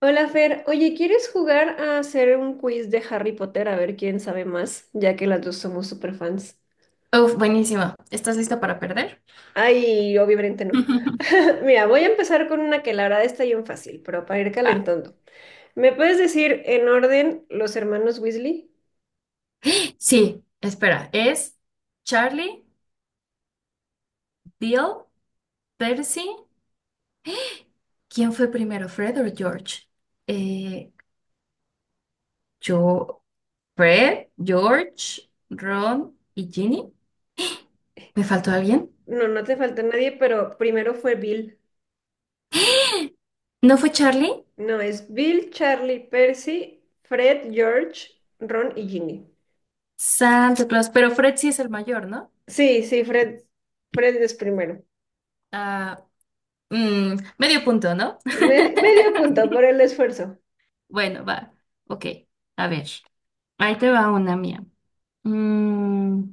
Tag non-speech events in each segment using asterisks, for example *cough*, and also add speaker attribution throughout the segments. Speaker 1: Hola Fer, oye, ¿quieres jugar a hacer un quiz de Harry Potter a ver quién sabe más, ya que las dos somos super fans?
Speaker 2: Uf, buenísimo. ¿Estás lista para perder?
Speaker 1: Ay, obviamente no. *laughs* Mira, voy a empezar con una que la verdad está bien fácil, pero para ir
Speaker 2: Va.
Speaker 1: calentando. ¿Me puedes decir en orden los hermanos Weasley?
Speaker 2: Sí, espera. Es Charlie, Bill, Percy. ¿Quién fue primero, Fred o George? Eh, yo, Fred, George, Ron y Ginny. ¿Me faltó alguien?
Speaker 1: No, no te falta nadie, pero primero fue Bill.
Speaker 2: ¿No fue Charlie?
Speaker 1: No, es Bill, Charlie, Percy, Fred, George, Ron y Ginny.
Speaker 2: Santa Claus, pero Fred sí es el mayor, ¿no?
Speaker 1: Sí, sí, Fred es primero.
Speaker 2: Ah, Medio punto, ¿no? *laughs*
Speaker 1: Medio punto por el esfuerzo.
Speaker 2: Bueno, va. Ok, a ver. Ahí te va una mía. Mm,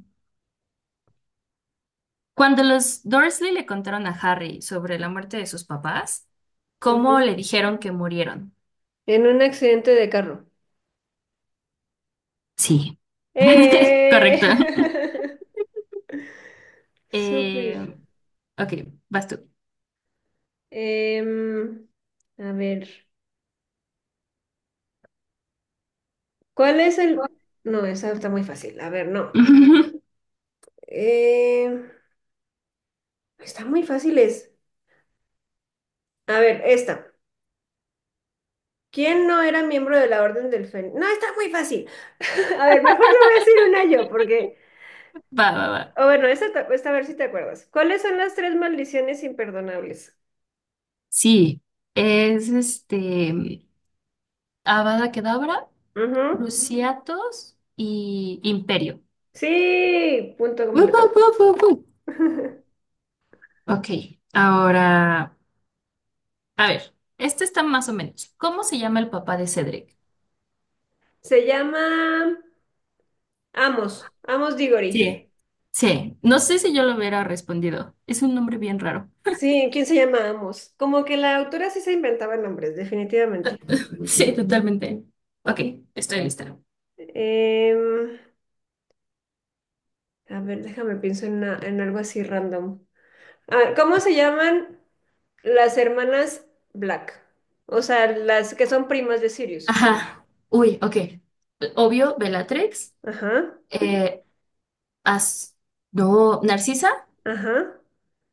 Speaker 2: Cuando los Dursley le contaron a Harry sobre la muerte de sus papás, ¿cómo
Speaker 1: Ujú.
Speaker 2: le dijeron que murieron?
Speaker 1: En un accidente de carro.
Speaker 2: Sí. *laughs*
Speaker 1: Eh,
Speaker 2: Correcto.
Speaker 1: *laughs* Súper.
Speaker 2: Eh, ok, vas tú.
Speaker 1: Em, a ver, ¿cuál es el...? No, esa está muy fácil. A ver, no.
Speaker 2: *laughs*
Speaker 1: Em, Está muy fácil es. A ver, esta. ¿Quién no era miembro de la Orden del Fénix? No, está muy fácil. *laughs* A ver, mejor le voy a decir una yo, porque...
Speaker 2: Va, va, va.
Speaker 1: O bueno, esta a ver si te acuerdas. ¿Cuáles son las tres maldiciones imperdonables?
Speaker 2: Sí, es este Avada Kedavra,
Speaker 1: Ujú.
Speaker 2: Cruciatus y Imperio.
Speaker 1: Sí, punto
Speaker 2: Wup,
Speaker 1: completo.
Speaker 2: wup, wup, wup, wup.
Speaker 1: *laughs*
Speaker 2: Ok, ahora, a ver, este está más o menos. ¿Cómo se llama el papá de Cedric?
Speaker 1: Se llama... Amos Diggory.
Speaker 2: Sí, sí. No sé si yo lo hubiera respondido. Es un nombre bien raro.
Speaker 1: Sí, ¿quién se llama Amos? Como que la autora sí se inventaba nombres, definitivamente.
Speaker 2: Sí, totalmente. Ok, estoy lista.
Speaker 1: Em, a ver, déjame pienso en algo así random. Ah, ¿cómo se llaman las hermanas Black? O sea, las que son primas de Sirius.
Speaker 2: Ajá. Uy, ok. Obvio, Bellatrix.
Speaker 1: Ajá,
Speaker 2: eh, As- No, Narcisa.
Speaker 1: ajá.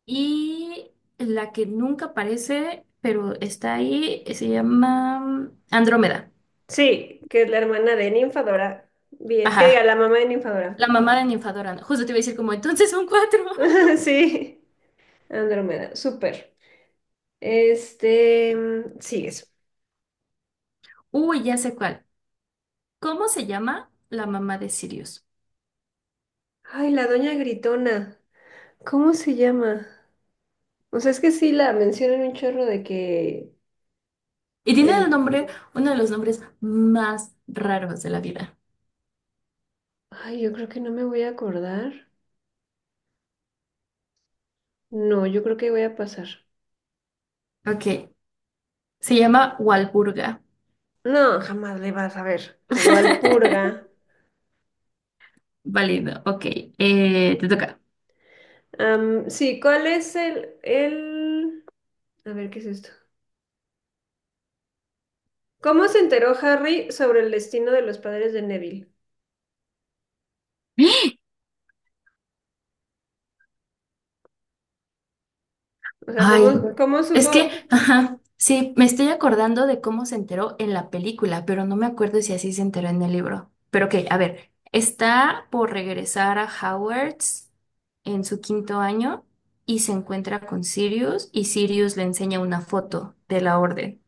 Speaker 2: Y la que nunca aparece, pero está ahí, se llama Andrómeda.
Speaker 1: Sí, que es la hermana de Ninfadora. Bien, que diga,
Speaker 2: Ajá.
Speaker 1: la mamá de Ninfadora.
Speaker 2: La mamá de Ninfadora. Justo te iba a decir como, entonces son cuatro. *laughs*
Speaker 1: *laughs* Sí, Andrómeda, súper. Este, sigues.
Speaker 2: Uy, ya sé cuál. ¿Cómo se llama la mamá de Sirius?
Speaker 1: Ay, la doña Gritona. ¿Cómo se llama? O sea, es que sí la mencionan un chorro de que
Speaker 2: Y tiene el
Speaker 1: el...
Speaker 2: nombre, uno de los nombres más raros de la vida.
Speaker 1: Ay, yo creo que no me voy a acordar. No, yo creo que voy a pasar.
Speaker 2: Ok, se llama Walburga.
Speaker 1: No, jamás le vas a ver. Walpurga.
Speaker 2: *laughs* Válido, ok. Te toca.
Speaker 1: Sí, ¿cuál es el... A ver, ¿qué es esto? ¿Cómo se enteró Harry sobre el destino de los padres de Neville? O sea,
Speaker 2: Ay,
Speaker 1: ¿cómo
Speaker 2: es que,
Speaker 1: supo...?
Speaker 2: ajá, sí, me estoy acordando de cómo se enteró en la película, pero no me acuerdo si así se enteró en el libro. Pero ok, a ver, está por regresar a Hogwarts en su quinto año y se encuentra con Sirius y Sirius le enseña una foto de la orden.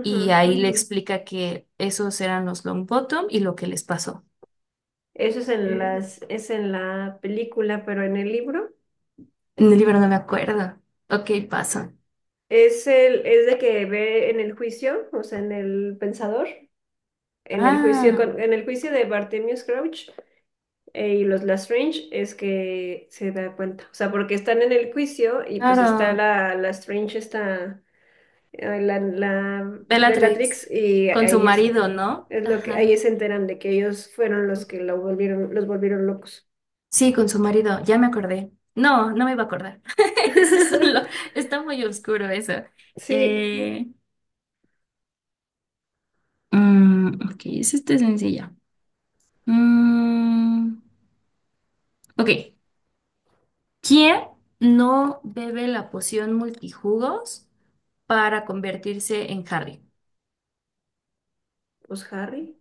Speaker 2: Y ahí le explica que esos eran los long bottom y lo que les pasó.
Speaker 1: Eso es en
Speaker 2: En
Speaker 1: es en la película, pero en el libro.
Speaker 2: el libro no me acuerdo. Ok, pasa.
Speaker 1: Es es de que ve en el juicio, o sea, en el pensador, en el juicio
Speaker 2: Ah,
Speaker 1: con- en el juicio de Bartemius Crouch, y los Lestrange es que se da cuenta. O sea, porque están en el juicio y pues está
Speaker 2: claro.
Speaker 1: la Lestrange, está la
Speaker 2: Bellatrix.
Speaker 1: Bellatrix, y
Speaker 2: Con su
Speaker 1: ahí
Speaker 2: marido, ¿no?
Speaker 1: es lo que
Speaker 2: Ajá.
Speaker 1: ahí se enteran de que ellos fueron los que lo volvieron, los volvieron locos.
Speaker 2: Sí, con su marido. Ya me acordé. No, no me iba a acordar. *laughs* Es- un lo-
Speaker 1: *laughs*
Speaker 2: Está muy oscuro eso.
Speaker 1: Sí,
Speaker 2: Eh, ok, es este sencilla. Mm, ok. ¿Quién no bebe la poción multijugos para convertirse en Harry?
Speaker 1: pues Harry.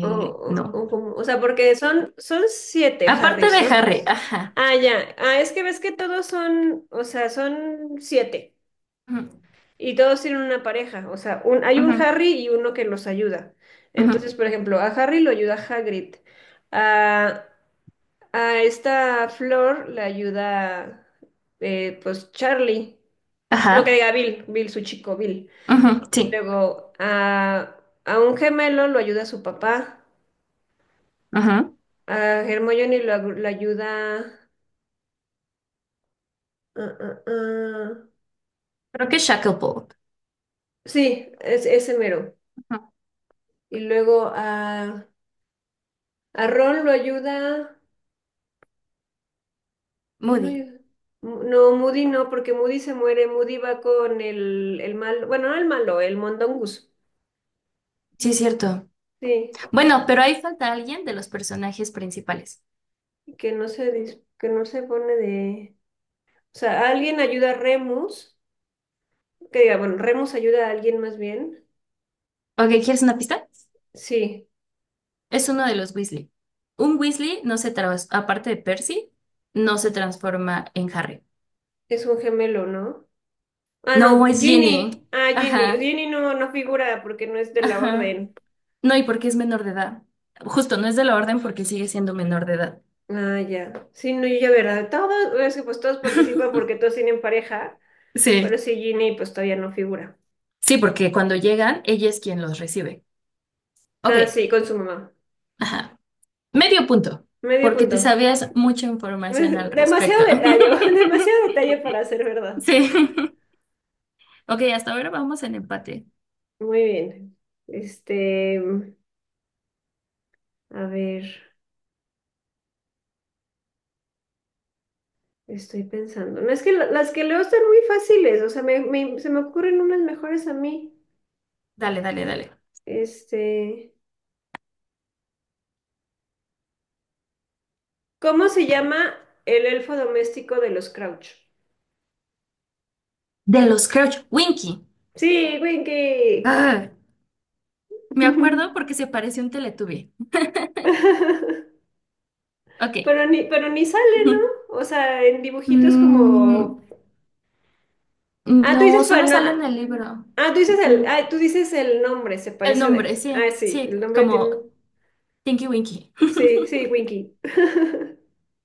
Speaker 1: O, o,
Speaker 2: No.
Speaker 1: o como- o sea, porque son siete
Speaker 2: Aparte de
Speaker 1: Harrys, ¿no?
Speaker 2: Harry, ajá.
Speaker 1: Ah, ya. Ah, es que ves que todos son, o sea, son siete
Speaker 2: Ujú,
Speaker 1: y todos tienen una pareja. O sea, hay un
Speaker 2: ujú,
Speaker 1: Harry y uno que los ayuda. Entonces,
Speaker 2: ujú.
Speaker 1: por ejemplo, a Harry lo ayuda Hagrid. A, a esta Flor le ayuda, pues, Charlie. No que
Speaker 2: Ajá.
Speaker 1: diga Bill, Bill, su chico, Bill.
Speaker 2: Ujú, sí.
Speaker 1: Luego, a un gemelo lo ayuda su papá.
Speaker 2: Ujú.
Speaker 1: A Hermione lo ayuda... ah, ah, ah.
Speaker 2: Creo que Shacklebolt.
Speaker 1: Sí, es, ese mero.
Speaker 2: Ujú,
Speaker 1: Y luego a Ron lo ayuda. ¿Quién lo
Speaker 2: Moody.
Speaker 1: ayuda? No, Moody no, porque Moody se muere. Moody va con el malo, bueno, no el malo, el Mondongus.
Speaker 2: Sí, es cierto.
Speaker 1: Sí,
Speaker 2: Bueno, pero ahí falta alguien de los personajes principales.
Speaker 1: que no se pone de... O sea, alguien ayuda a Remus, que diga, bueno, Remus ayuda a alguien más bien.
Speaker 2: Ok, ¿quieres una pista?
Speaker 1: Sí,
Speaker 2: Es uno de los Weasley. Un Weasley no se trans- Aparte de Percy, no se transforma en Harry.
Speaker 1: es un gemelo, ¿no? Ah,
Speaker 2: No,
Speaker 1: no,
Speaker 2: es
Speaker 1: Ginny.
Speaker 2: Ginny.
Speaker 1: Ah, Ginny.
Speaker 2: Ajá.
Speaker 1: Ginny no, no figura porque no es de la
Speaker 2: Ajá.
Speaker 1: orden.
Speaker 2: No, y porque es menor de edad. Justo, no es de la orden porque sigue siendo menor de edad.
Speaker 1: Ah, ya. Sí, no, yo ya, ¿verdad? Todos, es que pues todos
Speaker 2: *laughs*
Speaker 1: participan porque todos tienen pareja. Pero
Speaker 2: Sí,
Speaker 1: sí, Ginny pues todavía no figura.
Speaker 2: sí, porque cuando llegan, ella es quien los recibe. Ok,
Speaker 1: Ah, sí, con su mamá.
Speaker 2: ajá. Medio punto,
Speaker 1: Medio
Speaker 2: porque te
Speaker 1: punto.
Speaker 2: sabías mucha
Speaker 1: *laughs*
Speaker 2: información al
Speaker 1: Demasiado
Speaker 2: respecto.
Speaker 1: detalle, *laughs* demasiado
Speaker 2: *laughs*
Speaker 1: detalle para ser verdad.
Speaker 2: Sí. Ok, hasta ahora vamos en empate.
Speaker 1: Muy bien. Este, a ver, estoy pensando. No es que las que leo están muy fáciles, o sea, se me ocurren unas mejores a mí.
Speaker 2: Dale, dale, dale.
Speaker 1: Este, ¿cómo se llama el elfo doméstico de los Crouch?
Speaker 2: De los Crouch Winky.
Speaker 1: Sí, Winky.
Speaker 2: Ah, me acuerdo
Speaker 1: *laughs*
Speaker 2: porque se parece un Teletubby. Ok.
Speaker 1: Pero ni sale, ¿no?
Speaker 2: *laughs*
Speaker 1: O sea, en dibujitos
Speaker 2: Mm,
Speaker 1: como... Ah, tú
Speaker 2: no,
Speaker 1: dices para
Speaker 2: solo
Speaker 1: el no.
Speaker 2: sale en el libro.
Speaker 1: Ah, tú dices el,
Speaker 2: Ujú.
Speaker 1: ah, tú dices el nombre, se
Speaker 2: El
Speaker 1: parece
Speaker 2: nombre,
Speaker 1: de.
Speaker 2: sí,
Speaker 1: Ah, sí,
Speaker 2: sí,
Speaker 1: el nombre tiene.
Speaker 2: como Tinky Winky.
Speaker 1: Sí, sí, Winky. *laughs*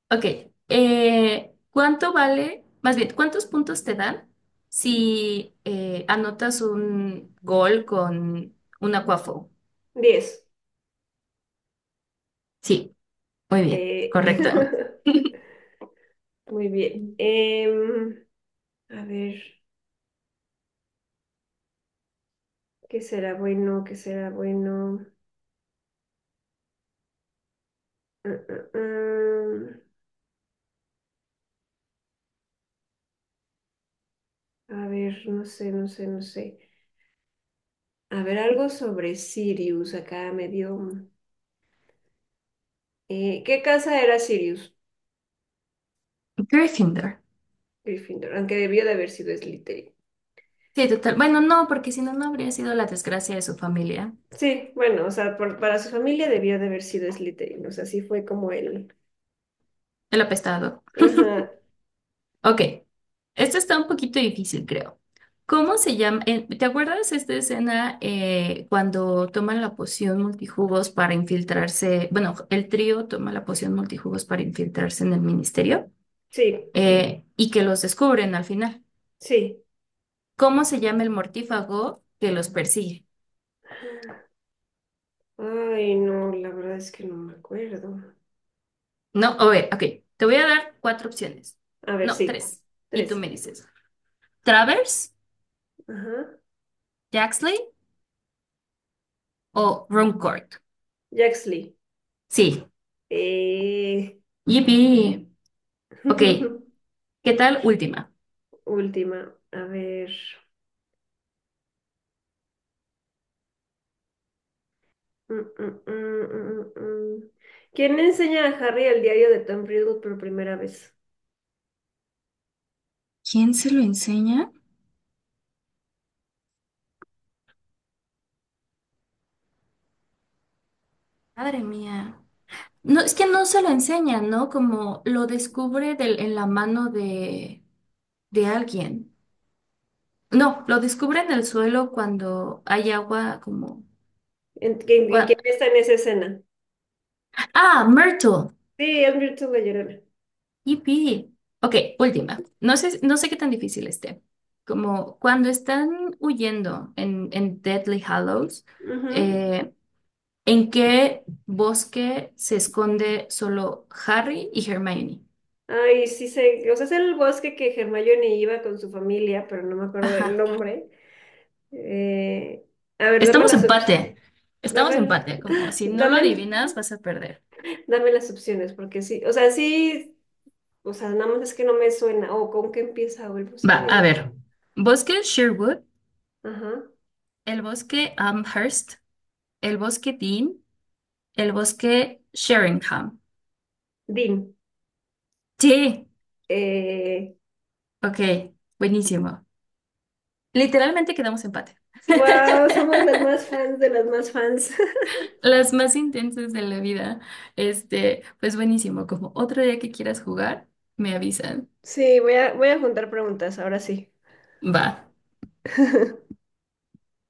Speaker 2: Ok, ¿cuánto vale, más bien, cuántos puntos te dan si anotas un gol con un Quaffle?
Speaker 1: 10.
Speaker 2: Sí, muy bien,
Speaker 1: Eh,
Speaker 2: correcto.
Speaker 1: *laughs*
Speaker 2: *laughs*
Speaker 1: Muy bien. A ver, ¿qué será bueno? ¿Qué será bueno? Mm, mm, mm. A ver, no sé, no sé, no sé. A ver, algo sobre Sirius. Acá me dio. ¿Qué casa era Sirius?
Speaker 2: Gryffindor.
Speaker 1: Gryffindor, aunque debió de haber sido Slytherin.
Speaker 2: Sí, total. Bueno, no, porque si no, no habría sido la desgracia de su familia,
Speaker 1: Sí, bueno, o sea, para su familia debió de haber sido Slytherin, o sea, sí fue como él.
Speaker 2: el apestado.
Speaker 1: Ajá,
Speaker 2: Ok, esto está un poquito difícil, creo. ¿Cómo se llama? ¿Te acuerdas esta escena cuando toman la poción multijugos para infiltrarse? Bueno, el trío toma la poción multijugos para infiltrarse en el ministerio
Speaker 1: sí,
Speaker 2: y que los descubren al final.
Speaker 1: sí.
Speaker 2: ¿Cómo se llama el mortífago que los persigue?
Speaker 1: Ay, no, la verdad es que no me acuerdo.
Speaker 2: No, a ver, ok, te voy a dar cuatro opciones.
Speaker 1: A ver,
Speaker 2: No,
Speaker 1: sí,
Speaker 2: tres. Y tú
Speaker 1: tres.
Speaker 2: me dices, ¿Travers,
Speaker 1: Ajá.
Speaker 2: Jaxley o Runcorn?
Speaker 1: Jaxley.
Speaker 2: Sí,
Speaker 1: Eh...
Speaker 2: yippee. Ok,
Speaker 1: *laughs*
Speaker 2: ¿qué tal? Última.
Speaker 1: Última, a ver. Mm, mm, mm, mm, mm, mm. ¿Quién le enseña a Harry el diario de Tom Riddle por primera vez?
Speaker 2: ¿Quién se lo enseña? Madre mía. No, es que no se lo enseña, ¿no? Como lo descubre en la mano de alguien. No, lo descubre en el suelo cuando hay agua como...
Speaker 1: ¿En- en- en-
Speaker 2: cua-
Speaker 1: ¿Quién está en esa escena?
Speaker 2: Ah, Myrtle.
Speaker 1: Sí, es Myrtle la Llorona.
Speaker 2: Yipi. Ok, última. No sé, no sé qué tan difícil esté. Como cuando están huyendo en Deathly Hallows,
Speaker 1: Ujú.
Speaker 2: eh, ¿en qué bosque se esconde solo Harry y Hermione?
Speaker 1: Ay, sí sé, o sea, es el bosque que Hermione iba con su familia, pero no me acuerdo del
Speaker 2: Ajá.
Speaker 1: nombre. Eh, a ver,
Speaker 2: Estamos empate.
Speaker 1: dame
Speaker 2: Estamos empate.
Speaker 1: *gasps*
Speaker 2: Como
Speaker 1: ¡ah!
Speaker 2: si no lo
Speaker 1: Dame
Speaker 2: adivinas, vas a perder.
Speaker 1: dame las opciones, porque sí, o sea, nada más es que no me suena. O ¿con qué empieza? O el
Speaker 2: Va,
Speaker 1: bosque
Speaker 2: a
Speaker 1: del,
Speaker 2: ver. Bosque Sherwood,
Speaker 1: ajá,
Speaker 2: el bosque Amherst, el bosque Dean, el bosque Sheringham.
Speaker 1: Dean.
Speaker 2: Sí.
Speaker 1: Eh,
Speaker 2: Ok, buenísimo. Literalmente quedamos empate. *laughs*
Speaker 1: wow, somos las más fans de las más fans. *laughs*
Speaker 2: Las más intensas de la vida. Este, pues buenísimo. Como otro día que quieras jugar, me avisan.
Speaker 1: Sí, voy a juntar preguntas, ahora sí.
Speaker 2: Va.
Speaker 1: *laughs*